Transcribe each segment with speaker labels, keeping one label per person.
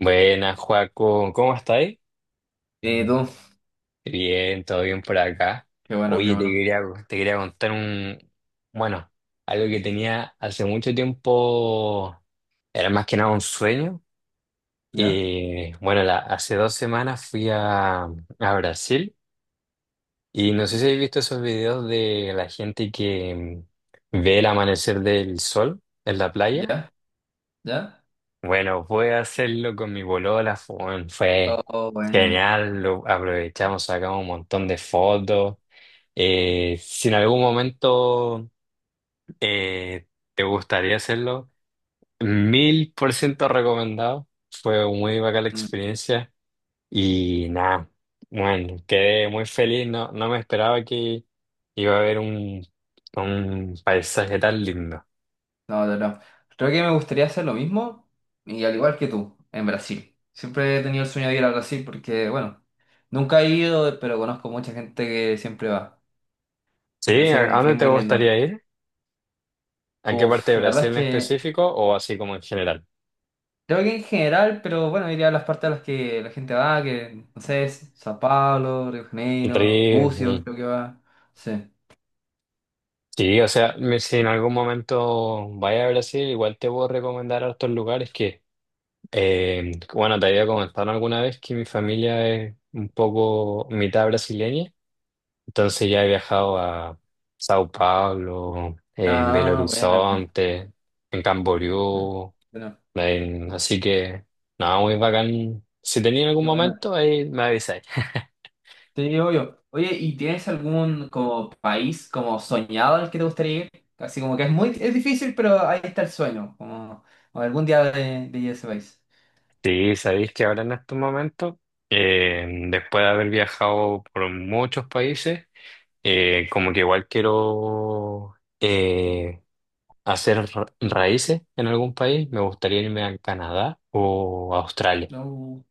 Speaker 1: Buenas, Joaco, ¿cómo estáis?
Speaker 2: ¿Y tú?
Speaker 1: Bien, todo bien por acá.
Speaker 2: Qué bueno, qué
Speaker 1: Oye, te
Speaker 2: bueno.
Speaker 1: quería, te quería contar bueno, algo que tenía hace mucho tiempo, era más que nada un sueño.
Speaker 2: ¿Ya?
Speaker 1: Hace 2 semanas fui a Brasil y no sé si habéis visto esos videos de la gente que ve el amanecer del sol en la playa.
Speaker 2: ¿Ya? ¿Ya?
Speaker 1: Bueno, pude hacerlo con mi bolola, fue,
Speaker 2: Oh,
Speaker 1: fue
Speaker 2: oh, buena.
Speaker 1: genial, lo aprovechamos, sacamos un montón de fotos. Si en algún momento eh, te gustaría hacerlo, 1000% recomendado, fue muy bacán la
Speaker 2: Mm.
Speaker 1: experiencia y nada, bueno, quedé muy feliz, no me esperaba que iba a haber un paisaje tan lindo.
Speaker 2: No, no, no. Creo que me gustaría hacer lo mismo y al igual que tú, en Brasil. Siempre he tenido el sueño de ir a Brasil porque, bueno, nunca he ido, pero conozco mucha gente que siempre va. Debe
Speaker 1: ¿Sí? ¿A
Speaker 2: ser
Speaker 1: a
Speaker 2: un
Speaker 1: dónde
Speaker 2: país
Speaker 1: te
Speaker 2: muy lindo.
Speaker 1: gustaría ir? ¿A qué parte
Speaker 2: Uf,
Speaker 1: de
Speaker 2: la
Speaker 1: Brasil
Speaker 2: verdad es
Speaker 1: en
Speaker 2: que
Speaker 1: específico o así como en general?
Speaker 2: creo que en general, pero bueno, iría a las partes a las que la gente va, que no sé, es Sao Paulo, Río de Janeiro,
Speaker 1: Re,
Speaker 2: Búzios,
Speaker 1: mm,
Speaker 2: creo que va. Sí.
Speaker 1: sí, o sea, si en algún momento vaya a Brasil, igual te puedo recomendar a otros lugares que, bueno, te había comentado alguna vez que mi familia es un poco mitad brasileña, entonces ya he viajado a Sao Paulo, en Belo
Speaker 2: Ah, buena.
Speaker 1: Horizonte, en
Speaker 2: Mm.
Speaker 1: Camboriú,
Speaker 2: Bueno.
Speaker 1: así que, nada, muy bacán. Si tenía algún
Speaker 2: Qué buena.
Speaker 1: momento, ahí me avisáis.
Speaker 2: Te digo yo. Oye, ¿y tienes algún como país como soñado al que te gustaría ir? Así como que es muy, es difícil, pero ahí está el sueño, como o algún día de ir a ese país.
Speaker 1: Sí, sabéis que ahora en estos momentos, después de haber viajado por muchos países, como que igual quiero hacer raíces en algún país, me gustaría irme a Canadá o a Australia.
Speaker 2: No.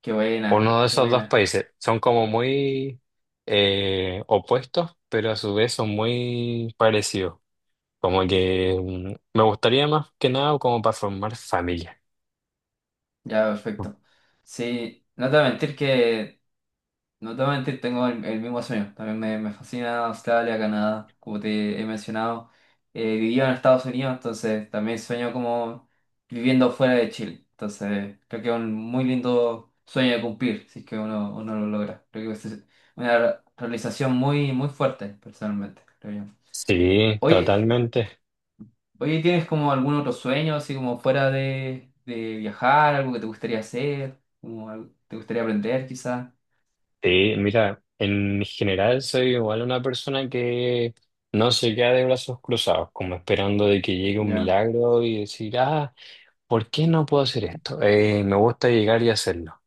Speaker 2: Qué buena,
Speaker 1: Uno de
Speaker 2: qué
Speaker 1: esos dos
Speaker 2: buena.
Speaker 1: países son como muy opuestos, pero a su vez son muy parecidos. Como que me gustaría más que nada como para formar familia.
Speaker 2: Ya, perfecto. Sí, no te voy a mentir que no te voy a mentir, tengo el mismo sueño. También me fascina Australia, Canadá, como te he mencionado. Vivía en Estados Unidos, entonces también sueño como viviendo fuera de Chile. Entonces creo que es un muy lindo sueño de cumplir, si es que uno, uno lo logra. Creo que es una realización muy, muy fuerte, personalmente, creo yo.
Speaker 1: Sí,
Speaker 2: Oye,
Speaker 1: totalmente.
Speaker 2: oye, ¿tienes como algún otro sueño, así como fuera de viajar, algo que te gustaría hacer, como algo que te gustaría aprender quizás?
Speaker 1: Sí, mira, en general soy igual una persona que no se queda de brazos cruzados, como esperando de que llegue un
Speaker 2: Ya,
Speaker 1: milagro y decir, ah, ¿por qué no puedo hacer esto? Me gusta llegar y hacerlo.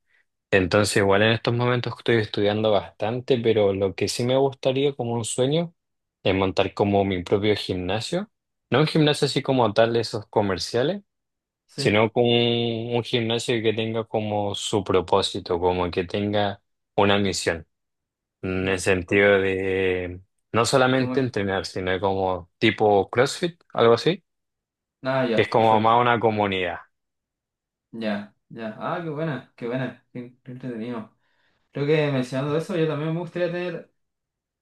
Speaker 1: Entonces, igual en estos momentos estoy estudiando bastante, pero lo que sí me gustaría como un sueño es montar como mi propio gimnasio. No un gimnasio así como tal de esos comerciales,
Speaker 2: sí,
Speaker 1: sino como un gimnasio que tenga como su propósito, como que tenga una misión. En el
Speaker 2: ya.
Speaker 1: sentido de no
Speaker 2: ¿Cómo
Speaker 1: solamente
Speaker 2: es?
Speaker 1: entrenar, sino como tipo CrossFit, algo así,
Speaker 2: Ah,
Speaker 1: que es
Speaker 2: ya,
Speaker 1: como
Speaker 2: perfecto.
Speaker 1: más una comunidad.
Speaker 2: Ya, ya. Ah, qué buena, qué buena, qué, qué entretenido. Creo que mencionando eso, yo también me gustaría tener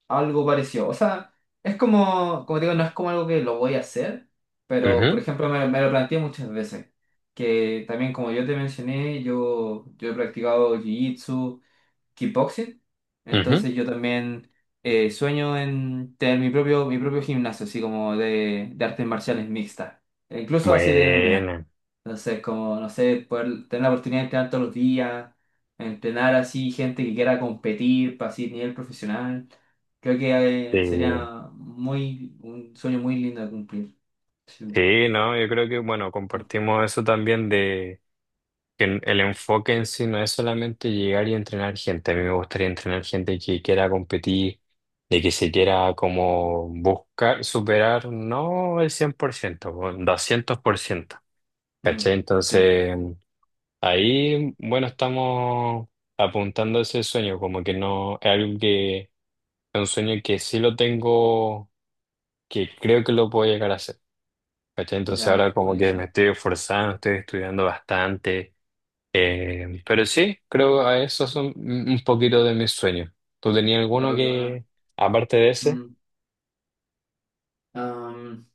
Speaker 2: algo parecido. O sea, es como, como te digo, no es como algo que lo voy a hacer, pero
Speaker 1: Ujú,
Speaker 2: por ejemplo, me lo planteé muchas veces. Que también, como yo te mencioné, yo he practicado jiu-jitsu, kickboxing.
Speaker 1: ujú.
Speaker 2: Entonces yo también sueño en tener mi propio gimnasio, así como de artes marciales mixtas, e incluso así de MMA.
Speaker 1: Bueno,
Speaker 2: Entonces, como, no sé, poder tener la oportunidad de entrenar todos los días, entrenar así gente que quiera competir para así nivel profesional. Creo
Speaker 1: sí,
Speaker 2: que sería muy, un sueño muy lindo de cumplir. Sí.
Speaker 1: sí, ¿no? Yo creo que, bueno,
Speaker 2: Mm,
Speaker 1: compartimos eso también de que el enfoque en sí no es solamente llegar y entrenar gente. A mí me gustaría entrenar gente que quiera competir, de que se quiera como buscar superar, no el 100% un 200%.
Speaker 2: mm,
Speaker 1: ¿Cachai?
Speaker 2: sí,
Speaker 1: Entonces. Ahí, bueno, estamos apuntando a ese sueño, como que no es algo que es un sueño que sí lo tengo, que creo que lo puedo llegar a hacer. ¿Cachai? Entonces ahora
Speaker 2: ya,
Speaker 1: como que me
Speaker 2: buenísimo.
Speaker 1: estoy esforzando, estoy estudiando bastante, pero sí, creo a eso son un poquito de mis sueños. ¿Tú tenías
Speaker 2: Ya, qué
Speaker 1: alguno
Speaker 2: bueno.
Speaker 1: que, aparte de ese?
Speaker 2: Mm.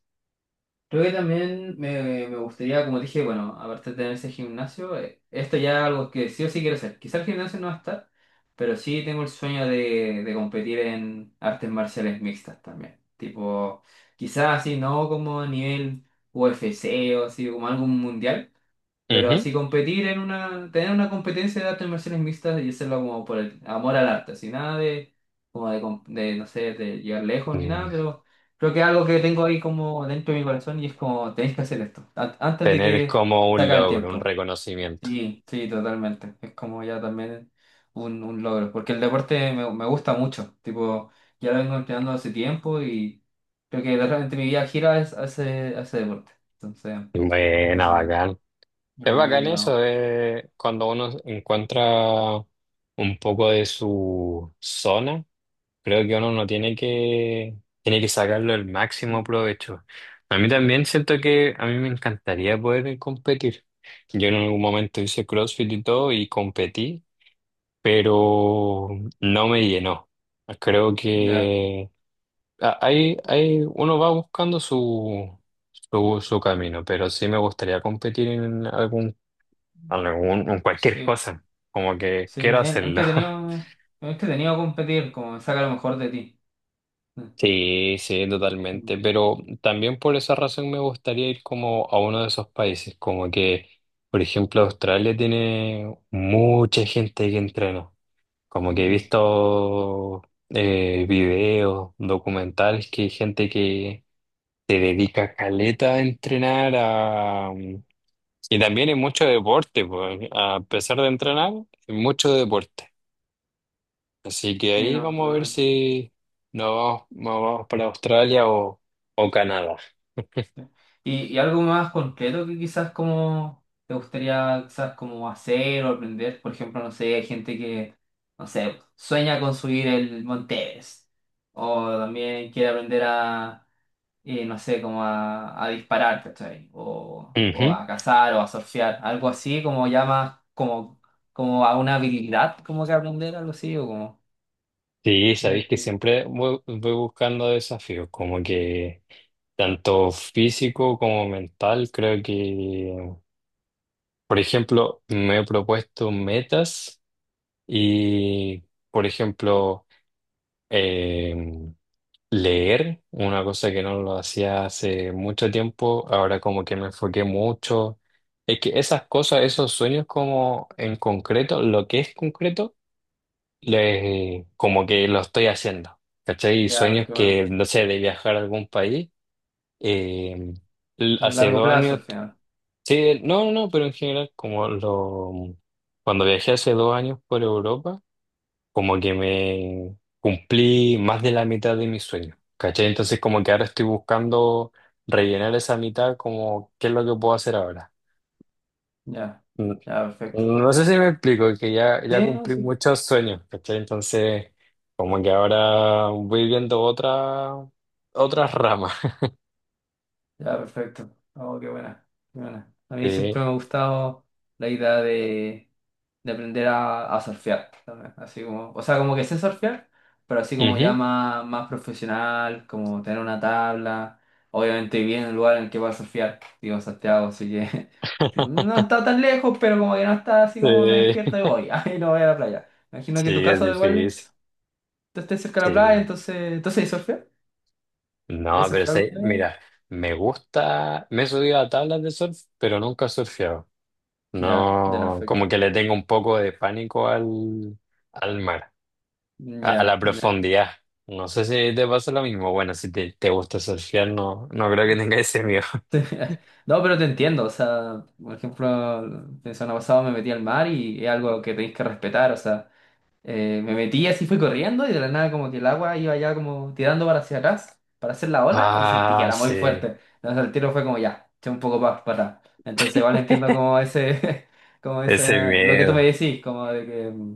Speaker 2: Creo que también me gustaría, como dije, bueno, aparte de tener ese gimnasio, esto ya es algo que sí o sí quiero hacer. Quizá el gimnasio no va a estar, pero sí tengo el sueño de competir en artes marciales mixtas también. Tipo, quizás así, no como a nivel UFC o así, como algo mundial, pero
Speaker 1: Ujú.
Speaker 2: así competir en una, tener una competencia de artes marciales mixtas y hacerlo como por el amor al arte, así nada de, como de, de, no sé, de llegar lejos ni
Speaker 1: Mm.
Speaker 2: nada, pero creo que es algo que tengo ahí como dentro de mi corazón y es como, tenéis que hacer esto, antes de
Speaker 1: Tener
Speaker 2: que
Speaker 1: como
Speaker 2: se
Speaker 1: un
Speaker 2: acabe el
Speaker 1: logro, un
Speaker 2: tiempo.
Speaker 1: reconocimiento.
Speaker 2: Sí, sí, totalmente. Es como ya también un logro, porque el deporte me, me gusta mucho, tipo, ya lo vengo entrenando hace tiempo y creo que realmente mi vida gira hacia, hacia deporte, entonces,
Speaker 1: Buena,
Speaker 2: hace
Speaker 1: bacán. Es
Speaker 2: algo muy
Speaker 1: bacán eso
Speaker 2: ligado.
Speaker 1: de cuando uno encuentra un poco de su zona, creo que uno no tiene que, tiene que sacarlo el máximo provecho. A mí
Speaker 2: Mm.
Speaker 1: también siento que a mí me encantaría poder competir. Yo en algún momento hice CrossFit y todo y competí, pero no me llenó. Creo
Speaker 2: Ya,
Speaker 1: que hay, uno va buscando su camino, pero sí me gustaría competir en algún algún, un cualquier
Speaker 2: sí,
Speaker 1: cosa, como que
Speaker 2: sí,
Speaker 1: quiero hacerlo.
Speaker 2: es entretenido competir, como saca lo mejor de ti. Mm,
Speaker 1: Sí, sí,
Speaker 2: mm,
Speaker 1: totalmente, pero también por esa razón me gustaría ir como a uno de esos países, como que, por ejemplo, Australia tiene mucha gente que entrena, como que he
Speaker 2: mm.
Speaker 1: visto videos, documentales que hay gente que se dedica caleta a entrenar, a... y también hay mucho deporte, pues, a pesar de entrenar, hay mucho deporte. Así que
Speaker 2: Sí,
Speaker 1: ahí
Speaker 2: no,
Speaker 1: vamos a ver
Speaker 2: totalmente.
Speaker 1: si nos vamos para Australia o Canadá.
Speaker 2: Y algo más concreto que quizás como te gustaría quizás como hacer o aprender? Por ejemplo, no sé, hay gente que, no sé, sueña con subir el Monte Everest, o también quiere aprender a no sé, como a disparar, ¿cachai? O
Speaker 1: Ujú.
Speaker 2: a cazar o a surfear, algo así, como ya más, como, como a una habilidad, como que aprender algo así, o como,
Speaker 1: Sí,
Speaker 2: ya,
Speaker 1: sabéis que siempre voy buscando desafíos, como que tanto físico como mental. Creo que, por ejemplo, me he propuesto metas y, por ejemplo, em, Leer, una cosa que no lo hacía hace mucho tiempo, ahora como que me enfoqué mucho. Es que esas cosas, esos sueños como en concreto, lo que es concreto, como que lo estoy haciendo. ¿Cachai? Y
Speaker 2: ya,
Speaker 1: sueños
Speaker 2: qué bueno,
Speaker 1: que, no sé, de viajar a algún país. eh,
Speaker 2: un
Speaker 1: Hace
Speaker 2: largo
Speaker 1: dos
Speaker 2: plazo
Speaker 1: años,
Speaker 2: al final,
Speaker 1: sí, no, no, no, pero en general, cuando viajé hace 2 años por Europa como que me cumplí más de la mitad de mis sueños, ¿cachai? Entonces como que ahora estoy buscando rellenar esa mitad, como qué es lo que puedo hacer ahora.
Speaker 2: ya,
Speaker 1: Mm.
Speaker 2: ya, perfecto.
Speaker 1: No sé si me explico, que ya, ya
Speaker 2: Sí, no,
Speaker 1: cumplí
Speaker 2: sí,
Speaker 1: muchos sueños, ¿cachai? Entonces como que ahora voy viendo otras ramas.
Speaker 2: ya, perfecto, oh, qué buena, qué buena. A mí
Speaker 1: Sí.
Speaker 2: siempre me ha gustado la idea de aprender a surfear también. Así como, o sea, como que sé surfear, pero así como ya
Speaker 1: Ujú.
Speaker 2: más, más profesional, como tener una tabla. Obviamente bien en el lugar en el que voy a surfear, digo en Santiago, así que no está tan lejos, pero como que no está así como me
Speaker 1: Sí,
Speaker 2: despierto y voy, ahí no voy a la playa. Me imagino que tu
Speaker 1: sí, es
Speaker 2: caso igual,
Speaker 1: difícil.
Speaker 2: tú estés cerca de la playa,
Speaker 1: Sí.
Speaker 2: entonces, entonces ¿hay surfear? ¿Hay
Speaker 1: No, pero
Speaker 2: surfear
Speaker 1: sí,
Speaker 2: algo?
Speaker 1: mira, me gusta, me he subido a tablas de surf, pero nunca he surfeado.
Speaker 2: Ya, ya,
Speaker 1: No, como
Speaker 2: perfecto.
Speaker 1: que le tengo un poco de pánico al mar, a
Speaker 2: Ya,
Speaker 1: la
Speaker 2: ya.
Speaker 1: profundidad. No sé si te pasa lo mismo. Bueno, si te gusta surfear, no creo que tengas ese miedo.
Speaker 2: No, pero te entiendo, o sea, por ejemplo, el semana pasado me metí al mar y es algo que tenéis que respetar, o sea, me metí así, fui corriendo y de la nada como que el agua iba ya como tirando para hacia atrás, para hacer la ola y sentí que
Speaker 1: Ah,
Speaker 2: era muy
Speaker 1: sí,
Speaker 2: fuerte, entonces el tiro fue como ya, eché un poco más para atrás, entonces igual entiendo como ese, como
Speaker 1: ese
Speaker 2: ese, lo que tú me
Speaker 1: miedo.
Speaker 2: decís, como de que, mm,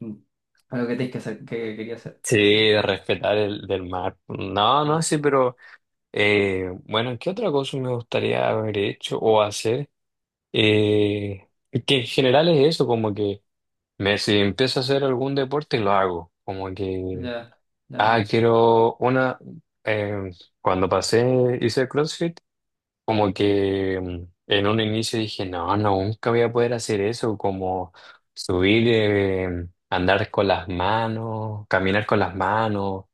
Speaker 2: mm, lo que tenéis que hacer, que quería hacer,
Speaker 1: Sí,
Speaker 2: entonces,
Speaker 1: de respetar el del mar. No, no,
Speaker 2: ya,
Speaker 1: sí, pero bueno, ¿qué otra cosa me gustaría haber hecho o hacer? Eh, que en general es eso, como que si empiezo a hacer algún deporte, lo hago. Como que
Speaker 2: ya, ya,
Speaker 1: ah,
Speaker 2: bueno,
Speaker 1: quiero una. em, Cuando pasé, hice CrossFit, como que en un inicio dije, no, no, nunca voy a poder hacer eso, como subir, andar con las manos, caminar con las manos,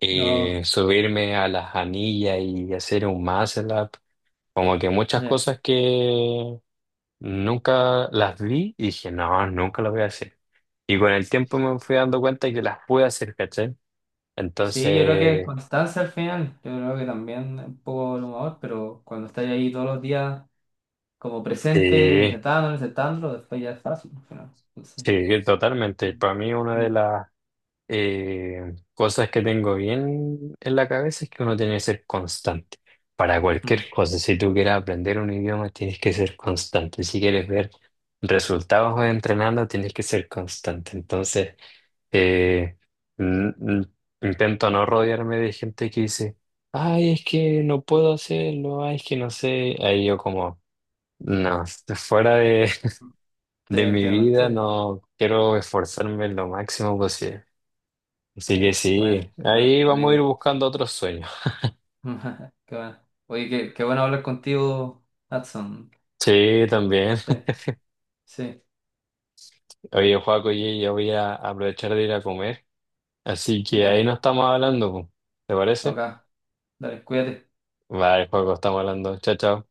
Speaker 2: no,
Speaker 1: subirme a las anillas y hacer un muscle up. Como que muchas
Speaker 2: ya.
Speaker 1: cosas que nunca las vi y dije, no, nunca las voy a hacer. Y con el tiempo me fui dando cuenta que las pude hacer, ¿cachai?
Speaker 2: Sí, yo creo que
Speaker 1: Entonces.
Speaker 2: constancia al final, yo creo que también un poco el humor, pero cuando estáis ahí todos los días como presente,
Speaker 1: Sí,
Speaker 2: intentándolo, intentándolo, después ya es fácil al final. Entonces,
Speaker 1: sí, totalmente.
Speaker 2: mm,
Speaker 1: Para mí una de
Speaker 2: mm,
Speaker 1: las cosas que tengo bien en la cabeza es que uno tiene que ser constante para
Speaker 2: mm,
Speaker 1: cualquier cosa. Si tú quieres aprender un idioma, tienes que ser constante. Si quieres ver resultados entrenando, tienes que ser constante. Entonces, eh, n- n- intento no rodearme de gente que dice, ay, es que no puedo hacerlo, ay, es que no sé. Ahí yo como, no, fuera
Speaker 2: sí,
Speaker 1: de mi
Speaker 2: entiendo. Sí.
Speaker 1: vida, no quiero esforzarme lo máximo posible. Así que
Speaker 2: Bueno,
Speaker 1: sí,
Speaker 2: bueno,
Speaker 1: ahí
Speaker 2: qué
Speaker 1: vamos a ir
Speaker 2: lindo.
Speaker 1: buscando otros sueños.
Speaker 2: Qué bueno. Oye, qué, qué bueno hablar contigo, Hudson.
Speaker 1: Sí, también.
Speaker 2: Sí, sí,
Speaker 1: Oye, Joaco, oye, yo voy a aprovechar de ir a comer. Así que ahí
Speaker 2: ya,
Speaker 1: nos estamos hablando, po. ¿Te
Speaker 2: ok,
Speaker 1: parece?
Speaker 2: dale, cuídate.
Speaker 1: Vale, Joaco, estamos hablando. Chao, chao.